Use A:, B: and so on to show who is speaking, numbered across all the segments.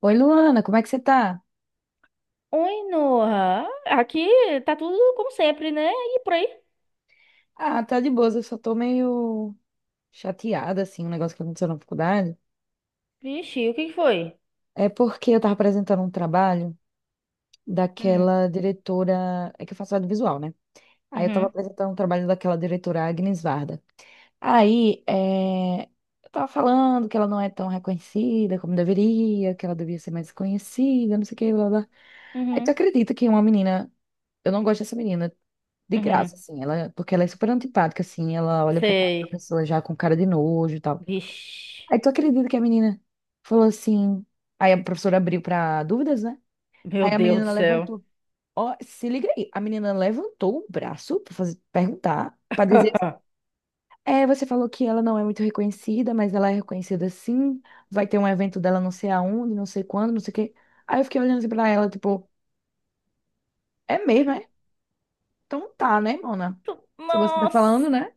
A: Oi, Luana, como é que você tá?
B: Oi, Noah. Aqui tá tudo como sempre, né? E por aí?
A: Ah, tá de boas, eu só tô meio chateada, assim, um negócio que aconteceu na faculdade.
B: Vixe, o que que foi?
A: É porque eu tava apresentando um trabalho
B: Hum,
A: daquela diretora. É que eu faço audiovisual, né? Aí eu tava
B: uhum,
A: apresentando um trabalho daquela diretora Agnes Varda. Aí eu tava falando que ela não é tão reconhecida como deveria, que ela devia ser mais conhecida, não sei o que, blá, blá. Aí
B: uhum,
A: tu acredita que uma menina. Eu não gosto dessa menina de graça,
B: uhum.
A: assim, ela, porque ela é super antipática, assim, ela olha pra cara da
B: Sei.
A: pessoa já com cara de nojo e tal.
B: Vixe,
A: Aí tu acredita que a menina falou assim, aí a professora abriu pra dúvidas, né?
B: meu
A: Aí a
B: Deus do
A: menina
B: céu.
A: levantou, ó, se liga aí, a menina levantou o braço pra fazer, perguntar, pra dizer, é, você falou que ela não é muito reconhecida, mas ela é reconhecida sim, vai ter um evento dela não sei aonde, não sei quando, não sei o quê. Aí eu fiquei olhando assim pra ela, tipo, é mesmo, é? Então tá, né, mona? Se você tá
B: Nossa.
A: falando, né?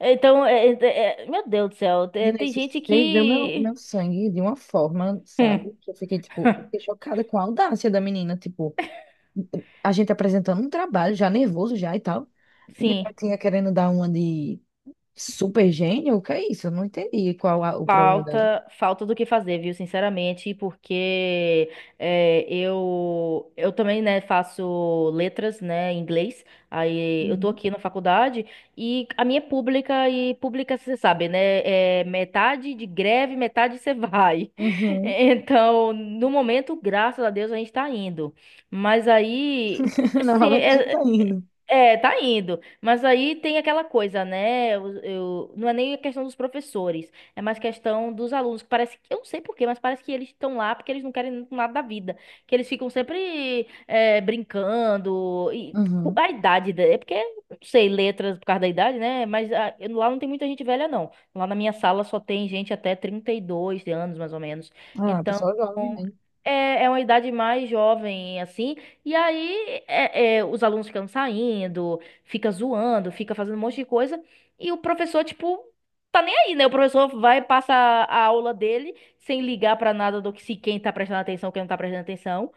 B: Então, meu Deus do céu,
A: Nina,
B: tem
A: isso
B: gente
A: ferveu meu,
B: que.
A: meu sangue de uma forma, sabe?
B: Hum.
A: Que eu fiquei, tipo, fiquei chocada com a audácia da menina. Tipo, a gente apresentando um trabalho, já nervoso já e tal. E
B: Sim.
A: ela tinha querendo dar uma de super gênio? O que é isso? Eu não entendi o problema dela.
B: Falta, falta do que fazer, viu? Sinceramente, porque eu também, né, faço letras, né, em inglês. Aí eu tô
A: Uhum.
B: aqui na faculdade e a minha é pública, e pública você sabe, né, é metade de greve, metade você vai.
A: Uhum.
B: Então, no momento, graças a Deus, a gente tá indo. Mas aí, assim,
A: Normalmente a gente tá indo.
B: é, tá indo. Mas aí tem aquela coisa, né? Não é nem a questão dos professores, é mais questão dos alunos, que parece que, eu não sei por quê, mas parece que eles estão lá porque eles não querem nada da vida. Que eles ficam sempre brincando. E
A: Uhum.
B: a idade, é porque, não sei, letras por causa da idade, né? Mas ah, lá não tem muita gente velha, não. Lá na minha sala só tem gente até 32 anos, mais ou menos.
A: Ah,
B: Então.
A: pessoal jovem mesmo.
B: É, é uma idade mais jovem, assim, e aí é, os alunos ficam saindo, fica zoando, fica fazendo um monte de coisa, e o professor, tipo, tá nem aí, né? O professor vai, passa a aula dele sem ligar pra nada do que se quem tá prestando atenção, quem não tá prestando atenção.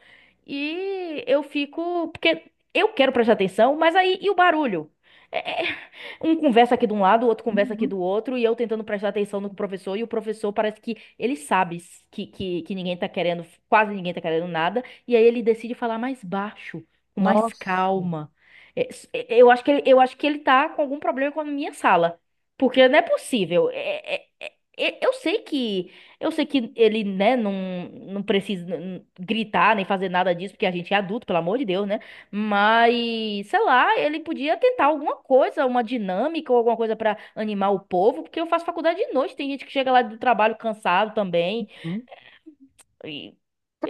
B: E eu fico, porque eu quero prestar atenção, mas aí e o barulho? É um conversa aqui de um lado, o outro conversa aqui
A: Uhum.
B: do outro, e eu tentando prestar atenção no professor, e o professor parece que ele sabe que, que ninguém tá querendo, quase ninguém tá querendo nada, e aí ele decide falar mais baixo, com mais
A: Nossa.
B: calma. É, eu acho que ele, eu acho que ele tá com algum problema com a minha sala, porque não é possível. Eu sei que eu sei que ele, né, não, não precisa gritar nem fazer nada disso, porque a gente é adulto, pelo amor de Deus, né? Mas, sei lá, ele podia tentar alguma coisa, uma dinâmica ou alguma coisa pra animar o povo, porque eu faço faculdade de noite, tem gente que chega lá do trabalho cansado também.
A: Uhum.
B: E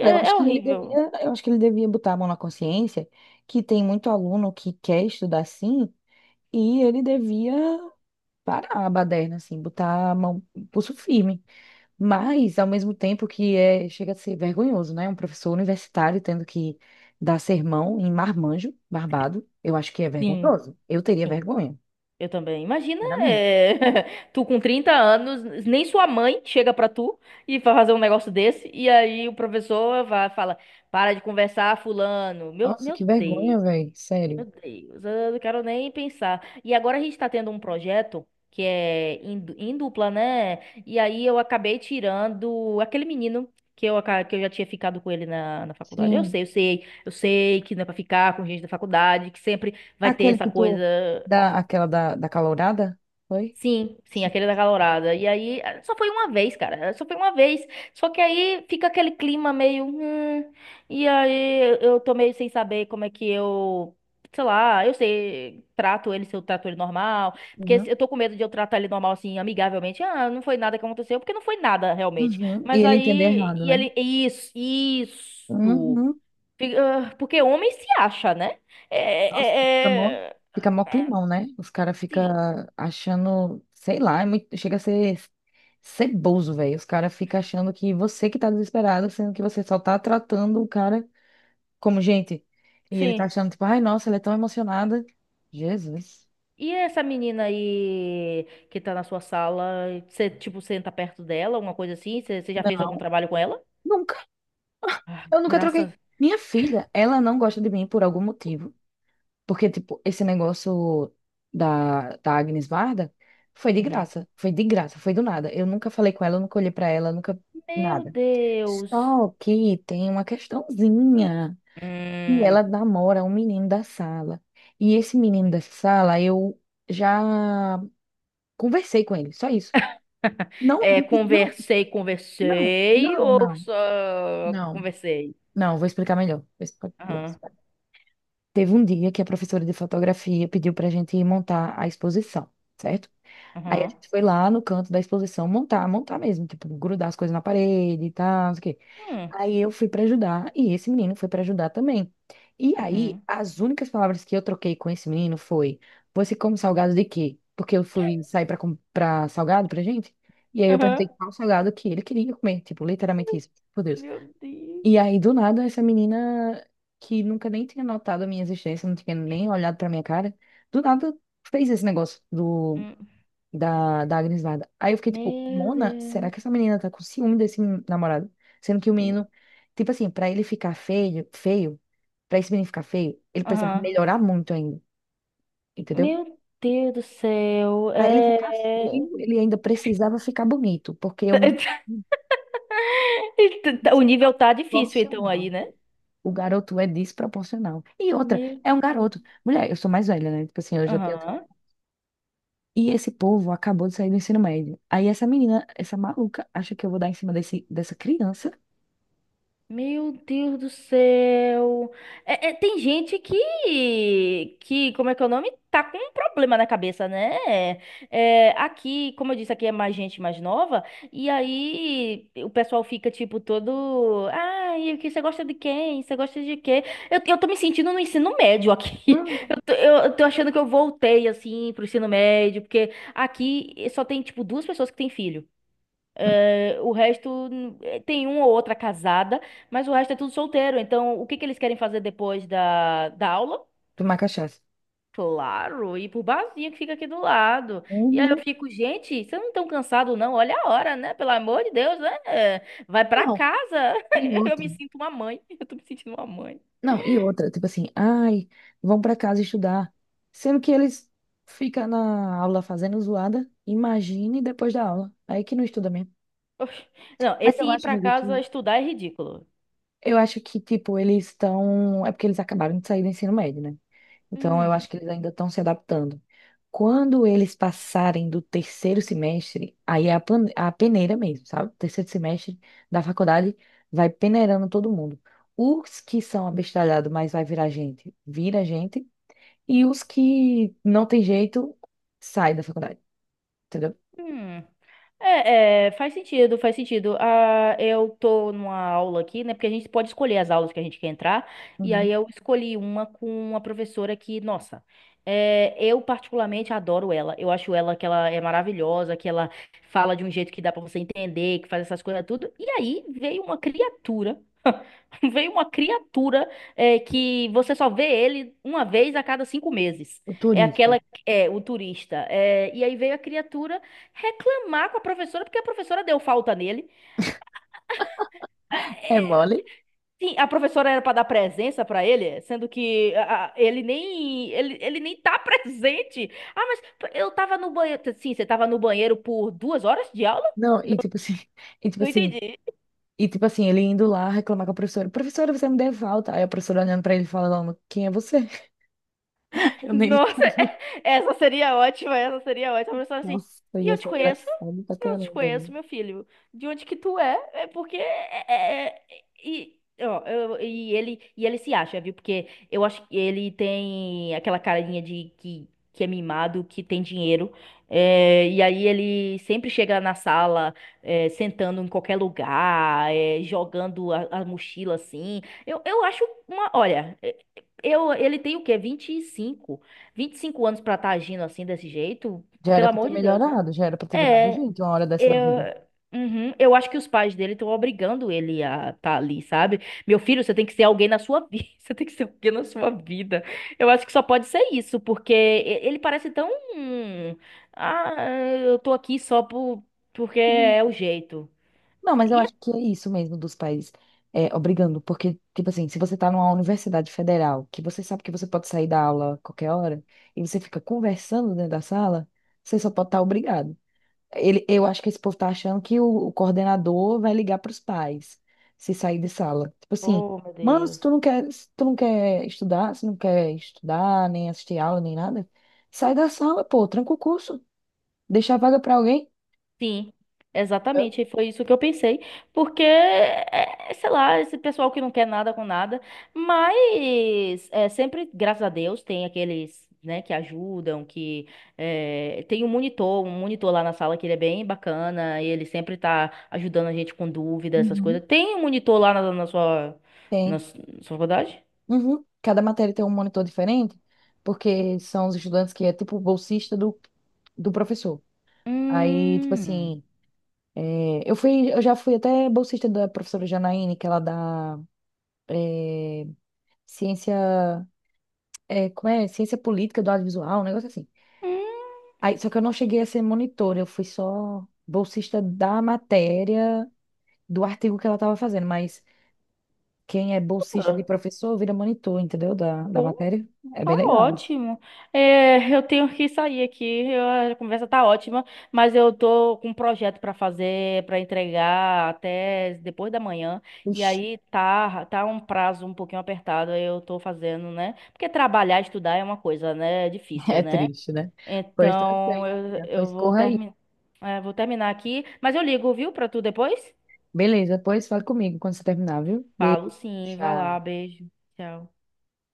A: Cara,
B: é horrível.
A: eu acho que ele devia botar a mão na consciência que tem muito aluno que quer estudar sim. E ele devia parar a baderna, assim, botar a mão, pulso firme. Mas, ao mesmo tempo que é, chega a ser vergonhoso, né? Um professor universitário tendo que dar sermão em marmanjo, barbado, eu acho que é
B: Sim,
A: vergonhoso. Eu teria
B: sim,
A: vergonha,
B: eu também. Imagina,
A: sinceramente.
B: é, tu com 30 anos, nem sua mãe chega pra tu e vai fazer um negócio desse, e aí o professor vai, fala: para de conversar, fulano. Meu,
A: Nossa,
B: meu
A: que
B: Deus.
A: vergonha, velho. Sério.
B: Meu Deus, eu não quero nem pensar. E agora a gente está tendo um projeto que é em, em dupla, né? E aí eu acabei tirando aquele menino que eu, que eu já tinha ficado com ele na, na faculdade. Eu
A: Sim.
B: sei, eu sei, eu sei que não é pra ficar com gente da faculdade, que sempre vai ter
A: Aquele
B: essa
A: que
B: coisa.
A: tu dá, aquela da calourada, foi?
B: Sim, sim,
A: Sim.
B: aquele da calorada. E aí, só foi uma vez, cara. Só foi uma vez. Só que aí fica aquele clima meio. Hum, e aí eu tô meio sem saber como é que eu. Sei lá, eu sei, trato ele, se eu trato ele normal. Porque
A: Uhum.
B: eu tô com medo de eu tratar ele normal, assim, amigavelmente. Ah, não foi nada que aconteceu, porque não foi nada realmente.
A: Uhum. E
B: Mas
A: ele entender
B: aí.
A: errado,
B: E
A: né?
B: ele. Isso, isso.
A: Uhum.
B: Porque homem se acha, né?
A: Nossa,
B: É. É,
A: fica mó
B: é... É.
A: climão, né? Os caras ficam
B: Sim,
A: achando, sei lá, é muito, chega a ser ceboso, velho. Os caras ficam achando que você que tá desesperado, sendo que você só tá tratando o cara como gente. E ele tá
B: sim.
A: achando, tipo, ai, nossa, ela é tão emocionada. Jesus.
B: E essa menina aí que tá na sua sala, você, tipo, senta perto dela, alguma coisa assim? Você já fez
A: Não,
B: algum trabalho com ela?
A: nunca.
B: Ah,
A: Eu nunca
B: graças.
A: troquei. Minha filha, ela não gosta de mim por algum motivo. Porque, tipo, esse negócio da Agnes Varda foi de
B: Uhum.
A: graça. Foi de graça, foi do nada. Eu nunca falei com ela, eu nunca olhei pra ela, nunca.
B: Meu
A: Nada.
B: Deus.
A: Só que tem uma questãozinha. E ela
B: Hum.
A: namora um menino da sala. E esse menino da sala, eu já conversei com ele, só isso. Não,
B: É,
A: não,
B: conversei,
A: não,
B: conversei
A: não,
B: ou
A: não,
B: só
A: não.
B: conversei?
A: Não, vou explicar melhor. Vou
B: Aham,
A: explicar. Teve um dia que a professora de fotografia pediu pra gente montar a exposição, certo? Aí a
B: aham.
A: gente foi lá no canto da exposição montar, montar mesmo, tipo, grudar as coisas na parede e tal, não sei o quê.
B: Hum.
A: Aí eu fui pra ajudar e esse menino foi pra ajudar também. E aí,
B: Uhum.
A: as únicas palavras que eu troquei com esse menino foi: Você come salgado de quê? Porque eu fui sair pra comprar salgado pra gente. E aí eu perguntei
B: Aham.
A: qual salgado que ele queria comer, tipo, literalmente isso. Por Deus.
B: Meu Deus.
A: E aí, do nada, essa menina que nunca nem tinha notado a minha existência, não tinha nem olhado pra minha cara, do nada fez esse negócio do
B: Hum.
A: da Agnes Varda. Aí eu fiquei tipo,
B: Meu
A: Mona,
B: Deus.
A: será que essa menina tá com ciúme desse namorado? Sendo que o
B: Hum.
A: menino, tipo assim, pra ele ficar feio, feio, pra esse menino ficar feio, ele precisava
B: Aham.
A: melhorar muito ainda, entendeu?
B: Meu Deus do céu.
A: Pra ele ficar
B: É...
A: feio, ele ainda precisava ficar bonito, porque o menino é
B: O nível tá difícil, então,
A: desproporcional,
B: aí, né?
A: velho. O garoto é desproporcional. E outra,
B: Meu
A: é um
B: Deus.
A: garoto. Mulher, eu sou mais velha, né? Tipo assim, eu já tenho.
B: Aham.
A: E esse povo acabou de sair do ensino médio. Aí essa menina, essa maluca, acha que eu vou dar em cima desse, dessa criança.
B: Meu Deus do céu. É, é, tem gente que, como é que é o nome? Tá com um problema na cabeça, né? É, aqui, como eu disse, aqui é mais gente mais nova. E aí o pessoal fica, tipo, todo. Ai, o que você gosta de quem? Você gosta de quê? Eu tô me sentindo no ensino médio aqui.
A: Hum,
B: Eu tô, eu tô achando que eu voltei, assim, pro ensino médio, porque aqui só tem, tipo, duas pessoas que têm filho. Eh, o resto tem uma ou outra casada, mas o resto é tudo solteiro. Então, o que que eles querem fazer depois da, da aula?
A: tomar cachaça.
B: Claro, ir pro barzinho que fica aqui do lado. E aí eu
A: Uhum.
B: fico, gente, vocês não estão cansados, não? Olha a hora, né? Pelo amor de Deus, né? Eh, vai pra
A: Não,
B: casa.
A: e
B: Eu
A: outra.
B: me sinto uma mãe. Eu tô me sentindo uma mãe.
A: Não, e outra, tipo assim, ai, vão pra casa estudar. Sendo que eles ficam na aula fazendo zoada, imagine depois da aula. Aí que não estuda mesmo.
B: Oxe. Não,
A: Mas
B: esse
A: eu
B: ir
A: acho,
B: pra
A: amiga,
B: casa
A: que
B: estudar é ridículo.
A: tipo, eles estão. É porque eles acabaram de sair do ensino médio, né? Então, eu
B: Hum,
A: acho que eles ainda estão se adaptando. Quando eles passarem do terceiro semestre, aí é a peneira mesmo, sabe? Terceiro semestre da faculdade vai peneirando todo mundo. Os que são abestalhados, mas vai virar gente, vira gente. E os que não tem jeito, sai da faculdade, entendeu?
B: hum. É, é, faz sentido, faz sentido. Ah, eu tô numa aula aqui, né? Porque a gente pode escolher as aulas que a gente quer entrar. E
A: Uhum.
B: aí eu escolhi uma com uma professora que, nossa, é, eu particularmente adoro ela. Eu acho ela que ela é maravilhosa, que ela fala de um jeito que dá pra você entender, que faz essas coisas tudo. E aí veio uma criatura. Veio uma criatura é, que você só vê ele uma vez a cada 5 meses.
A: O
B: É
A: turista.
B: aquela, é, o turista. É, e aí veio a criatura reclamar com a professora, porque a professora deu falta nele.
A: É
B: É, é,
A: mole?
B: sim, a professora era para dar presença para ele, sendo que ele nem, ele nem tá presente. Ah, mas eu tava no banheiro. Sim, você tava no banheiro por 2 horas de aula?
A: Não, e
B: Não,
A: tipo assim, e tipo
B: não
A: assim,
B: entendi.
A: e tipo assim, ele indo lá reclamar com a professora, professora, você me deu falta. Aí a professora olhando pra ele e falando, quem é você? Eu nem.
B: Nossa, essa seria ótima, essa seria ótima. A pessoa assim,
A: Nossa,
B: e
A: ia
B: eu te
A: ser
B: conheço?
A: engraçado pra
B: E eu te
A: caramba, né?
B: conheço, meu filho. De onde que tu é? É porque é, e ó, e ele se acha, viu? Porque eu acho que ele tem aquela carinha de que é mimado, que tem dinheiro. É, e aí ele sempre chega na sala, é, sentando em qualquer lugar, é, jogando a mochila assim. Eu acho uma, olha, eu, ele tem o quê? 25 anos pra estar agindo assim desse jeito,
A: Já era
B: pelo
A: pra ter
B: amor de Deus, né?
A: melhorado, já era pra ter virado
B: É,
A: gente uma hora dessa da
B: eu,
A: vida.
B: uhum, eu acho que os pais dele estão obrigando ele a estar ali, sabe? Meu filho, você tem que ser alguém na sua vida, você tem que ser alguém na sua vida. Eu acho que só pode ser isso, porque ele parece tão, hum, ah, eu tô aqui só por, porque
A: Uhum.
B: é o jeito.
A: Não, mas eu
B: E é-
A: acho que é isso mesmo dos pais é, obrigando, porque, tipo assim, se você tá numa universidade federal, que você sabe que você pode sair da aula a qualquer hora, e você fica conversando dentro da sala, você só pode estar obrigado. Ele, eu acho que esse povo tá achando que o coordenador vai ligar para os pais se sair de sala. Tipo assim,
B: Oh, meu
A: mano, se
B: Deus.
A: tu não quer, se tu não quer estudar, se não quer estudar, nem assistir aula, nem nada, sai da sala, pô, tranca o curso, deixa a vaga para alguém.
B: Sim, exatamente. E foi isso que eu pensei. Porque, é, sei lá, esse pessoal que não quer nada com nada. Mas é, sempre, graças a Deus, tem aqueles, né, que ajudam, que é, tem um monitor lá na sala que ele é bem bacana, e ele sempre tá ajudando a gente com dúvidas, essas
A: Uhum.
B: coisas. Tem um monitor lá na, na sua, na
A: Tem.
B: su- sua faculdade?
A: Uhum. Cada matéria tem um monitor diferente, porque são os estudantes que é tipo bolsista do professor. Aí, tipo
B: Hum.
A: assim, é, eu fui, eu já fui até bolsista da professora Janaíne, que ela dá ciência. É, como é, ciência política do audiovisual, um negócio assim.
B: Hum.
A: Aí, só que eu não cheguei a ser monitor, eu fui só bolsista da matéria, do artigo que ela estava fazendo, mas quem é bolsista de professor vira monitor, entendeu? Da
B: Pô.
A: matéria. É
B: Tá
A: bem legal isso.
B: ótimo. É, eu tenho que sair aqui. A conversa tá ótima, mas eu tô com um projeto pra fazer, pra entregar até depois da manhã. E
A: Ixi,
B: aí tá, tá um prazo um pouquinho apertado. Aí Eu tô fazendo, né? Porque trabalhar, estudar é uma coisa, né? É difícil,
A: é
B: né?
A: triste, né? Pois tá
B: Então
A: certo, amiga.
B: eu
A: Pois corra aí.
B: vou terminar aqui. Mas eu ligo, viu, pra tu depois?
A: Beleza, depois fala comigo quando você terminar, viu?
B: Falo
A: Beijo.
B: sim. Vai lá,
A: Tchau.
B: beijo. Tchau.